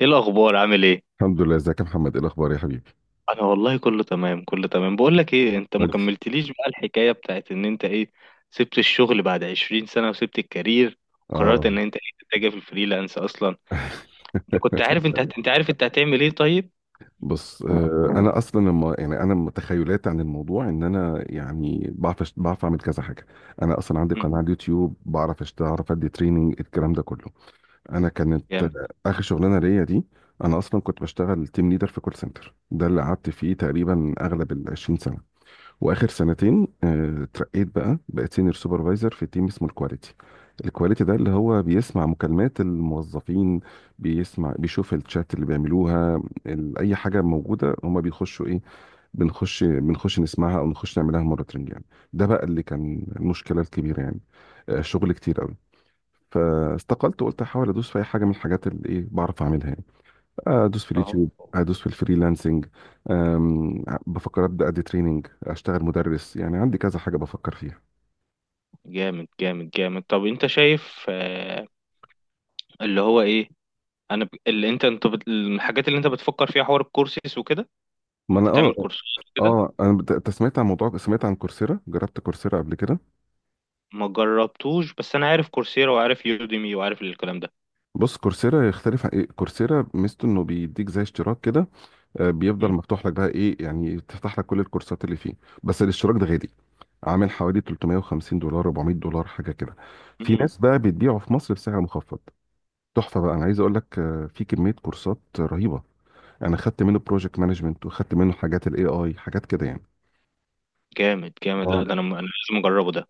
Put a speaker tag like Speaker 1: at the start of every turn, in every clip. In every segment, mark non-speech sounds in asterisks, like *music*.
Speaker 1: ايه الاخبار؟ عامل ايه؟
Speaker 2: الحمد لله. ازيك يا محمد؟ ايه الاخبار يا حبيبي؟
Speaker 1: انا والله كله تمام، كله تمام. بقول لك ايه، انت ما
Speaker 2: كويس.
Speaker 1: كملتليش بقى الحكايه بتاعت ان انت ايه، سبت الشغل بعد 20 سنه وسبت الكارير وقررت
Speaker 2: اه.
Speaker 1: ان انت ايه تتجه في الفريلانس اصلا. انت كنت
Speaker 2: *laughs*
Speaker 1: عارف انت انت عارف انت هتعمل ايه؟ طيب.
Speaker 2: بص، انا اصلا لما يعني انا تخيلاتي عن الموضوع ان انا يعني بعرف بعرف اعمل كذا حاجه. انا اصلا عندي
Speaker 1: مم.
Speaker 2: قناه على اليوتيوب، بعرف اشتغل، اعرف ادي تريننج، الكلام ده كله. انا كانت
Speaker 1: جامد.
Speaker 2: اخر شغلانه ليا دي. انا اصلا كنت بشتغل تيم ليدر في كول سنتر، ده اللي قعدت فيه تقريبا اغلب ال 20 سنه. واخر سنتين اترقيت بقى، بقيت سينيور سوبرفايزر في تيم اسمه الكواليتي. الكواليتي ده اللي هو بيسمع مكالمات الموظفين، بيسمع بيشوف الشات اللي بيعملوها. اي حاجه موجوده هما بيخشوا ايه، بنخش بنخش نسمعها او نخش نعملها مونيتورنج يعني. ده بقى اللي كان المشكله الكبيره يعني. شغل كتير قوي. فاستقلت وقلت احاول ادوس في اي حاجه من الحاجات اللي ايه بعرف اعملها يعني. ادوس في
Speaker 1: اهو.
Speaker 2: اليوتيوب، ادوس في الفريلانسنج. بفكر ابدا ادي تريننج، اشتغل مدرس، يعني عندي كذا حاجه بفكر فيها.
Speaker 1: جامد، جامد، جامد، طب انت شايف اللي هو ايه؟ اللي انت الحاجات اللي انت بتفكر فيها حوار الكورسات وكده.
Speaker 2: ما انا
Speaker 1: انت تعمل
Speaker 2: اه.
Speaker 1: كورسات كده؟
Speaker 2: اه انا أنت سمعت عن موضوع، سمعت عن كورسيرا، جربت كورسيرا قبل كده؟
Speaker 1: ما جربتوش، بس انا عارف كورسيرا وعارف يوديمي وعارف الكلام ده.
Speaker 2: بص كورسيرا يختلف عن ايه، كورسيرا ميزته انه بيديك زي اشتراك كده، بيفضل
Speaker 1: مم.
Speaker 2: مفتوح لك بقى ايه يعني، تفتح لك كل الكورسات اللي فيه. بس الاشتراك ده غالي، عامل حوالي $350 $400 حاجه كده. في
Speaker 1: مم.
Speaker 2: ناس بقى بتبيعه في مصر بسعر مخفض. تحفه بقى، انا عايز اقول لك في كميه كورسات رهيبه. انا خدت منه بروجكت مانجمنت، وخدت منه حاجات الاي اي حاجات كده يعني.
Speaker 1: جامد، جامد، لا
Speaker 2: اه.
Speaker 1: ده انا انا لازم اجربه ده.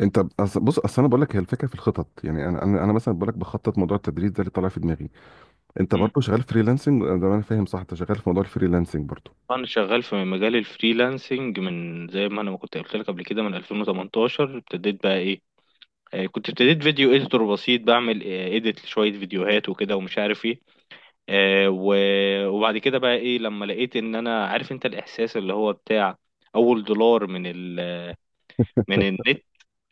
Speaker 2: انت بص اصل انا بقول لك، هي الفكره في الخطط يعني، انا انا أنا مثلا بقول لك بخطط موضوع التدريس ده اللي طالع في دماغي. انت
Speaker 1: مم.
Speaker 2: برضه شغال فريلانسنج ده، انا فاهم صح؟ انت شغال في موضوع الفريلانسنج برضه.
Speaker 1: انا شغال في مجال الفريلانسنج من زي ما انا ما كنت قلت لك قبل كده، من 2018 ابتديت بقى ايه. كنت ابتديت فيديو اديتور بسيط بعمل اديت لشوية فيديوهات وكده، ومش عارف ايه. وبعد كده بقى ايه لما لقيت ان انا عارف انت الاحساس اللي هو بتاع اول دولار من ال، من النت،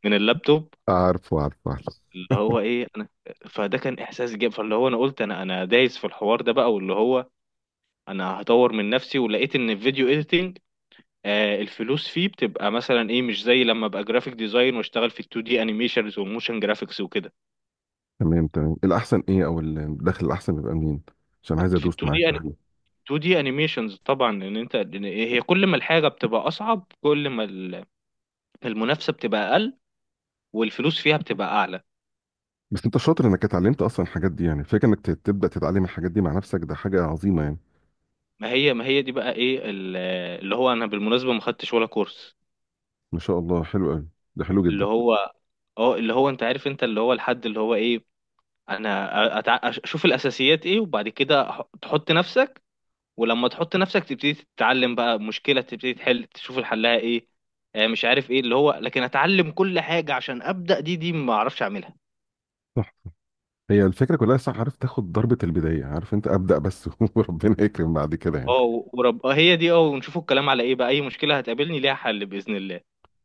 Speaker 1: من اللابتوب،
Speaker 2: عارفه عارفه عارفه.
Speaker 1: اللي هو ايه انا. فده كان احساس جامد، فاللي هو انا قلت، انا دايس في الحوار ده بقى، واللي هو انا هطور من نفسي، ولقيت ان الفيديو اديتنج الفلوس فيه بتبقى مثلا ايه، مش زي لما ابقى جرافيك ديزاين واشتغل في 2 دي انيميشنز وموشن جرافيكس وكده.
Speaker 2: تمام تمام. الاحسن ايه او الدخل الاحسن بيبقى منين؟ عشان عايز
Speaker 1: في
Speaker 2: ادوس
Speaker 1: 2
Speaker 2: معاك في
Speaker 1: دي،
Speaker 2: حاجه.
Speaker 1: 2 دي انيميشنز طبعا، ان انت إن هي كل ما الحاجه بتبقى اصعب، كل ما المنافسه بتبقى اقل، والفلوس فيها بتبقى اعلى.
Speaker 2: بس انت شاطر انك اتعلمت اصلا الحاجات دي، يعني فكره انك تبدا تتعلم الحاجات دي مع نفسك، ده حاجه عظيمه يعني.
Speaker 1: ما هي دي بقى ايه اللي هو انا بالمناسبه ما خدتش ولا كورس،
Speaker 2: ما شاء الله، حلو قوي. ده حلو
Speaker 1: اللي
Speaker 2: جدا.
Speaker 1: هو، اه، اللي هو انت عارف انت، اللي هو الحد، اللي هو ايه، انا اشوف الاساسيات ايه، وبعد كده تحط نفسك، ولما تحط نفسك تبتدي تتعلم بقى مشكلة، تبتدي تحل، تشوف الحلها ايه، مش عارف ايه اللي هو، لكن اتعلم كل حاجة عشان ابدأ دي ما اعرفش اعملها.
Speaker 2: هي الفكره كلها صح، عارف تاخد ضربه البدايه، عارف انت ابدا بس *laughs* وربنا يكرم بعد كده يعني.
Speaker 1: اه، و- ورب آه، هي دي، اه، ونشوفوا الكلام على ايه بقى، اي مشكلة هتقابلني ليها حل بإذن الله.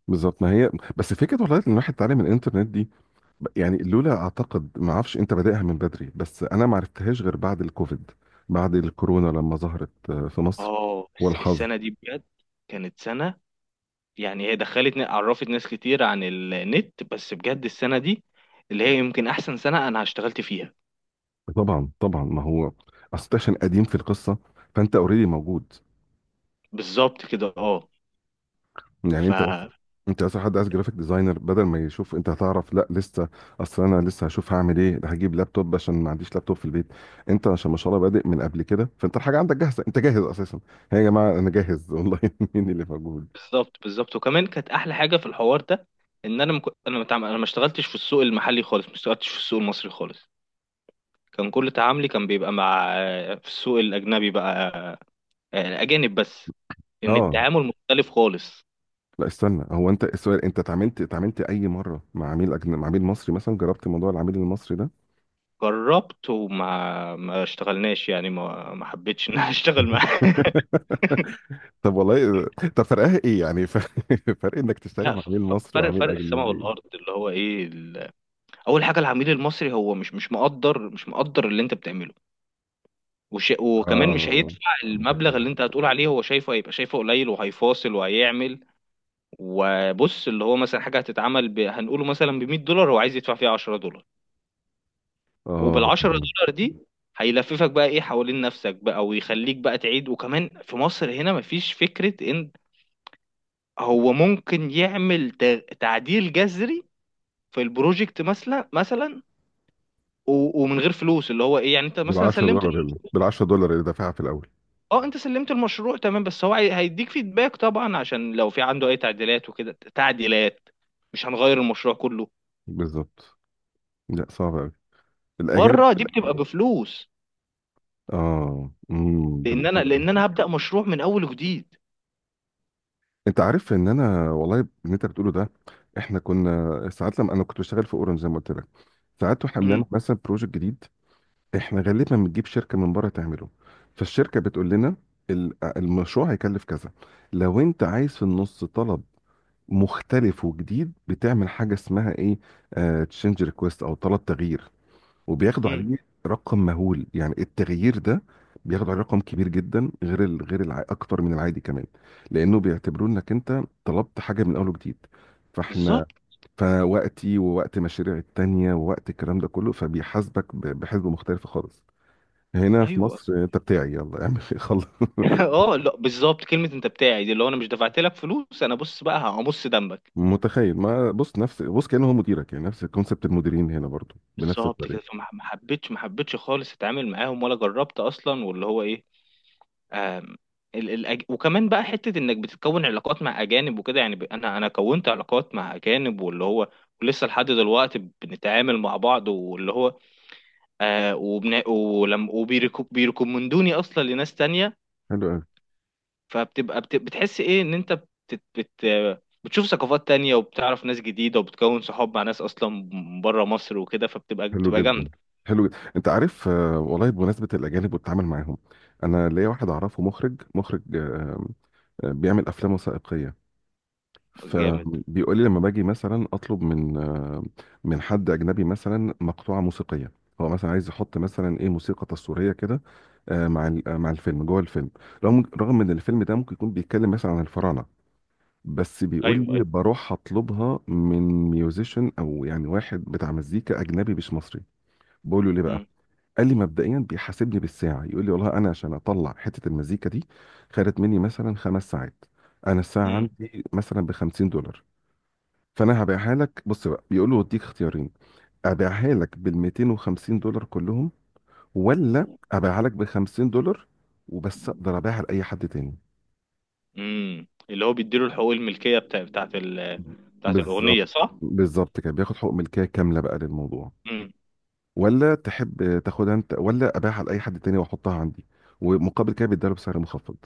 Speaker 2: بالظبط. ما هي بس فكره والله ان الواحد اتعلم من الانترنت دي. يعني لولا اعتقد ما اعرفش، انت بادئها من بدري، بس انا ما عرفتهاش غير بعد الكوفيد، بعد الكورونا لما ظهرت في مصر
Speaker 1: اه،
Speaker 2: والحظر.
Speaker 1: السنة دي بجد كانت سنة، يعني هي دخلت عرفت ناس كتير عن النت، بس بجد السنة دي اللي هي يمكن احسن سنة انا اشتغلت فيها.
Speaker 2: طبعا طبعا. ما هو اصل أنت عشان قديم في القصه، فانت اوريدي موجود.
Speaker 1: بالظبط كده.
Speaker 2: يعني انت بس،
Speaker 1: اه.
Speaker 2: انت اصلا حد عايز جرافيك ديزاينر بدل ما يشوف انت هتعرف، لا لسه. اصل انا لسه هشوف هعمل ايه، ده هجيب لابتوب عشان ما عنديش لابتوب في البيت. انت عشان ما شاء الله بادئ من قبل كده، فانت الحاجه عندك جاهزه، انت جاهز اساسا. هي يا جماعه انا جاهز والله *laughs* مين اللي موجود.
Speaker 1: بالظبط، بالظبط، وكمان كانت احلى حاجه في الحوار ده ان انا انا ما متعامل... انا ما اشتغلتش في السوق المحلي خالص، ما اشتغلتش في السوق المصري خالص، كان كل تعاملي كان بيبقى مع، في السوق الاجنبي بقى، الاجانب بس، ان
Speaker 2: اه.
Speaker 1: التعامل مختلف خالص.
Speaker 2: لا استنى، هو انت السؤال، انت اتعاملت اي مره مع عميل مع عميل مصري مثلا؟ جربت موضوع العميل المصري ده؟
Speaker 1: جربت، وما ما اشتغلناش يعني، ما حبيتش *laughs* ان انا اشتغل معاه.
Speaker 2: *laughs* طب والله. طب فرقها ايه يعني؟ *laughs* فرق انك
Speaker 1: *laughs*
Speaker 2: تشتغل
Speaker 1: لا،
Speaker 2: مع عميل
Speaker 1: ف-
Speaker 2: مصري
Speaker 1: فرق
Speaker 2: وعميل
Speaker 1: فرق السماء
Speaker 2: اجنبي.
Speaker 1: والارض، اللي هو ايه اول حاجه، العميل المصري هو مش مقدر اللي انت بتعمله، وكمان مش
Speaker 2: اه
Speaker 1: هيدفع المبلغ اللي انت هتقول عليه، هو شايفه، هيبقى شايفه قليل وهيفاصل وهيعمل. وبص، اللي هو مثلا حاجه هتتعمل هنقوله مثلا ب 100 دولار، هو عايز يدفع فيها 10 دولار، وبال
Speaker 2: اه.
Speaker 1: 10
Speaker 2: تمام.
Speaker 1: دولار دي هيلففك بقى ايه حوالين نفسك بقى، ويخليك بقى تعيد، وكمان في مصر هنا مفيش فكره ان هو ممكن يعمل تعديل جذري في البروجكت، مثلا، ومن غير فلوس، اللي هو ايه يعني انت
Speaker 2: بال
Speaker 1: مثلا
Speaker 2: 10
Speaker 1: سلمت.
Speaker 2: دولار هنا، بال $10 اللي دافعها في الاول.
Speaker 1: اه، انت سلمت المشروع تمام، بس هو هيديك فيدباك طبعا عشان لو في عنده اي تعديلات وكده، تعديلات مش هنغير المشروع كله،
Speaker 2: بالظبط. لا صعب قوي الاجانب.
Speaker 1: بره دي بتبقى بفلوس،
Speaker 2: اه. ده
Speaker 1: لان انا
Speaker 2: بحلو.
Speaker 1: لان انا هبدأ مشروع من اول وجديد.
Speaker 2: انت عارف ان انا والله اللي انت بتقوله ده، احنا كنا ساعات لما انا كنت بشتغل في اورنج زي ما قلت لك، ساعات واحنا
Speaker 1: امم.
Speaker 2: بنعمل مثلا بروجكت جديد، احنا غالبا بنجيب شركه من بره تعمله. فالشركه بتقول لنا المشروع هيكلف كذا، لو انت عايز في النص طلب مختلف وجديد، بتعمل حاجه اسمها ايه، تشينج ريكويست او طلب تغيير. وبياخدوا
Speaker 1: امم.
Speaker 2: عليه رقم مهول يعني، التغيير ده بياخدوا عليه رقم كبير جدا، غير غير اكتر من العادي كمان، لانه بيعتبروا انك انت طلبت حاجه من اول وجديد. فاحنا،
Speaker 1: بالظبط.
Speaker 2: فوقتي ووقت مشاريع التانية ووقت الكلام ده كله، فبيحاسبك بحسبة مختلفة خالص. هنا في
Speaker 1: ايوه.
Speaker 2: مصر انت بتاعي، يلا اعمل إيه، خلص *laughs*
Speaker 1: *laughs* اه، لا، بالظبط، كلمة انت بتاعي دي اللي هو انا مش دفعت لك فلوس، انا بص بقى همص دمك.
Speaker 2: متخيل، ما بص نفس، بص كأنه هو مديرك يعني، نفس كونسبت المديرين هنا برضو بنفس
Speaker 1: بالظبط
Speaker 2: الطريقة.
Speaker 1: كده، فما ما حبيتش، ما حبيتش خالص اتعامل معاهم ولا جربت اصلا، واللي هو ايه، آم، وكمان بقى حتة انك بتتكون علاقات مع اجانب وكده، يعني انا كونت علاقات مع اجانب، واللي هو ولسه لحد دلوقتي بنتعامل مع بعض، واللي هو وبيركومندوني اصلا لناس تانية.
Speaker 2: حلو قوي.
Speaker 1: فبتبقى بتحس ايه ان انت بتشوف ثقافات تانية، وبتعرف ناس جديدة، وبتكون صحاب مع ناس اصلا بره مصر وكده، فبتبقى
Speaker 2: حلو
Speaker 1: بتبقى
Speaker 2: جدا.
Speaker 1: جامدة.
Speaker 2: حلو جدا. انت عارف والله بمناسبه الاجانب والتعامل معاهم، انا ليا واحد اعرفه مخرج، مخرج بيعمل افلام وثائقيه.
Speaker 1: جامد.
Speaker 2: فبيقول لي لما باجي مثلا اطلب من من حد اجنبي مثلا مقطوعه موسيقيه، هو مثلا عايز يحط مثلا ايه موسيقى تصويريه كده، مع مع الفيلم، جوه الفيلم، رغم ان الفيلم ده ممكن يكون بيتكلم مثلا عن الفراعنه، بس بيقول
Speaker 1: ايوه،
Speaker 2: لي
Speaker 1: ايوه.
Speaker 2: بروح اطلبها من ميوزيشن او يعني واحد بتاع مزيكا اجنبي مش مصري. بقول له ليه بقى؟ قال لي مبدئيا بيحاسبني بالساعه، يقول لي والله انا عشان اطلع حته المزيكا دي خدت مني مثلا خمس ساعات، انا الساعه
Speaker 1: امم.
Speaker 2: عندي مثلا ب $50، فانا هبيعها لك. بص بقى بيقول له وديك اختيارين، ابيعها لك بال $250 كلهم، ولا ابيعها لك ب $50 وبس، اقدر ابيعها لاي حد تاني.
Speaker 1: امم، اللي هو بيديله الحقوق الملكية بتاعت الأغنية،
Speaker 2: بالظبط.
Speaker 1: صح؟
Speaker 2: بالظبط كده، بياخد حقوق ملكيه كامله بقى للموضوع.
Speaker 1: امم.
Speaker 2: ولا تحب تاخدها انت، ولا ابيعها لاي حد تاني واحطها عندي، ومقابل كده بيديها له بسعر مخفض.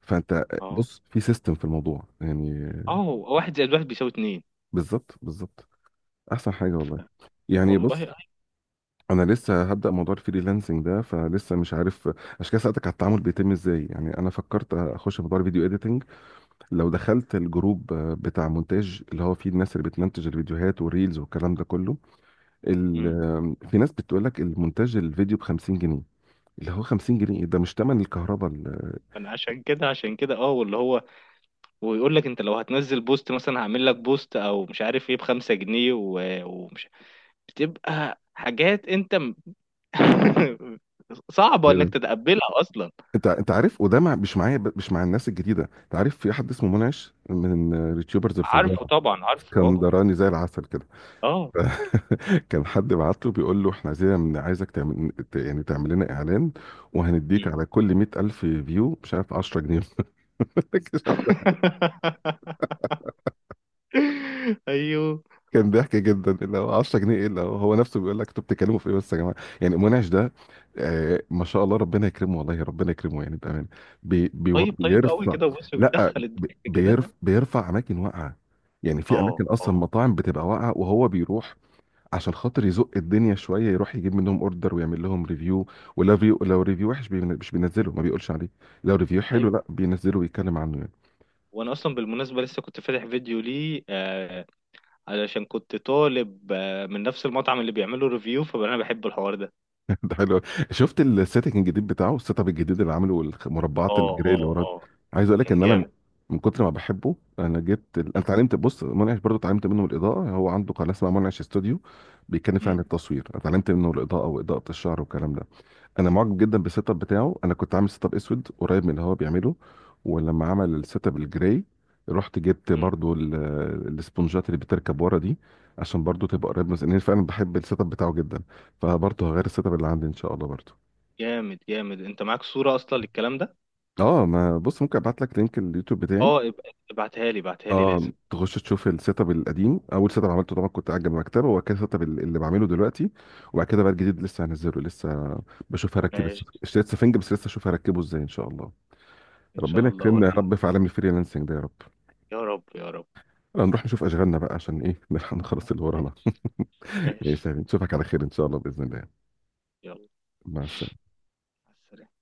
Speaker 2: فانت
Speaker 1: اه
Speaker 2: بص في سيستم في الموضوع يعني.
Speaker 1: اه، هو واحد زائد واحد بيساوي اتنين.
Speaker 2: بالظبط بالظبط. احسن حاجه والله. يعني
Speaker 1: والله.
Speaker 2: بص انا لسه هبدا موضوع الفريلانسنج ده، فلسه مش عارف، عشان كده سالتك على التعامل بيتم ازاي. يعني انا فكرت اخش في موضوع الفيديو اديتنج، لو دخلت الجروب بتاع مونتاج اللي هو فيه الناس اللي بتمنتج الفيديوهات والريلز والكلام ده كله،
Speaker 1: امم.
Speaker 2: في ناس بتقول لك المونتاج الفيديو ب 50 جنيه. اللي هو 50 جنيه ده مش تمن الكهرباء.
Speaker 1: انا عشان كده، عشان كده، اه، واللي هو، ويقول لك انت لو هتنزل بوست مثلا، هعمل لك بوست او مش عارف ايه ب 5 جنيه، ومش بتبقى حاجات انت *laughs* صعبة انك تتقبلها اصلا.
Speaker 2: انت عارف، وده مش معايا مش مع الناس الجديده. انت عارف في حد اسمه منعش من اليوتيوبرز الفظاع،
Speaker 1: عارفه طبعا، عارفه، اه.
Speaker 2: اسكندراني زي العسل كده
Speaker 1: اه.
Speaker 2: *laughs* كان حد بعت له بيقول له احنا عايزين عايزك تعمل يعني تعمل لنا اعلان، وهنديك
Speaker 1: مم.
Speaker 2: على كل 100,000 ألف فيو مش عارف 10 جنيه *laughs*
Speaker 1: *laughs* ايوه.
Speaker 2: كان ضحك جدا، اللي هو 10 جنيه ايه، اللي هو هو نفسه بيقول لك انتوا بتتكلموا في ايه بس يا جماعه؟ يعني منعش ده، آه ما شاء الله، ربنا يكرمه والله، ربنا يكرمه يعني بامانه. بي بي
Speaker 1: طيب، طيب قوي
Speaker 2: بيرفع.
Speaker 1: كده، بص
Speaker 2: لا
Speaker 1: بتدخل الضحك كده.
Speaker 2: بيرفع اماكن واقعه، يعني في
Speaker 1: اه،
Speaker 2: اماكن
Speaker 1: اه،
Speaker 2: اصلا مطاعم بتبقى واقعه وهو بيروح عشان خاطر يزق الدنيا شويه، يروح يجيب منهم اوردر ويعمل لهم ريفيو. ولو ريفيو، لو ريفيو وحش مش بينزله، ما بيقولش عليه. لو ريفيو حلو،
Speaker 1: ايوه.
Speaker 2: لا بينزله ويتكلم عنه يعني.
Speaker 1: وانا اصلا بالمناسبه لسه كنت فاتح فيديو ليه، علشان كنت طالب من نفس المطعم اللي بيعملوا ريفيو، فانا بحب الحوار ده.
Speaker 2: *laughs* ده حلو أوي. شفت السيتنج الجديد بتاعه، السيت اب الجديد اللي عامله والمربعات
Speaker 1: اه،
Speaker 2: الجراي اللي
Speaker 1: اه،
Speaker 2: ورا؟
Speaker 1: اه،
Speaker 2: عايز اقول لك
Speaker 1: كان
Speaker 2: ان
Speaker 1: جامد.
Speaker 2: انا من كتر ما بحبه انا جبت انا
Speaker 1: م-
Speaker 2: اتعلمت، بص منعش برضو اتعلمت منه الاضاءه، هو عنده قناه اسمها منعش استوديو، بيتكلم فيها
Speaker 1: م-
Speaker 2: عن التصوير. اتعلمت منه الاضاءه واضاءه الشعر والكلام ده. انا معجب جدا بالسيت اب بتاعه. انا كنت عامل سيت اب اسود قريب من اللي هو بيعمله، ولما عمل السيت اب الجراي رحت جبت
Speaker 1: م.
Speaker 2: برضو الاسبونجات اللي بتركب ورا دي، عشان برضو تبقى قريب من، لأن فعلا بحب السيت اب بتاعه جدا، فبرضو هغير السيت اب اللي عندي ان شاء الله برضو.
Speaker 1: جامد، جامد، انت معاك صوره اصلا للكلام ده؟
Speaker 2: اه ما بص، ممكن ابعت لك لينك اليوتيوب بتاعي.
Speaker 1: اه، ابعتها لي، ابعتها لي لازم.
Speaker 2: اه تخش تشوف السيت اب القديم، اول سيت اب عملته طبعا كنت قاعد جنب المكتبه، وبعد كده السيت اب اللي بعمله دلوقتي، وبعد كده بقى الجديد لسه هنزله لسه، بشوف هركب
Speaker 1: ماشي.
Speaker 2: اشتريت سفنج بس لسه اشوف هركبه ازاي ان شاء الله.
Speaker 1: ان
Speaker 2: ربنا
Speaker 1: شاء الله
Speaker 2: يكرمنا يا
Speaker 1: اوريك.
Speaker 2: رب في عالم الفريلانسنج ده يا رب.
Speaker 1: يا رب، يا رب.
Speaker 2: هنروح نشوف اشغالنا بقى عشان ايه *laughs* نلحق نخلص اللي ورانا.
Speaker 1: ماشي.
Speaker 2: *laughs* ماشي يا
Speaker 1: ماشي.
Speaker 2: حبيبي. نشوفك على خير ان شاء الله باذن الله.
Speaker 1: يلا.
Speaker 2: مع السلامه.
Speaker 1: مع السلامة.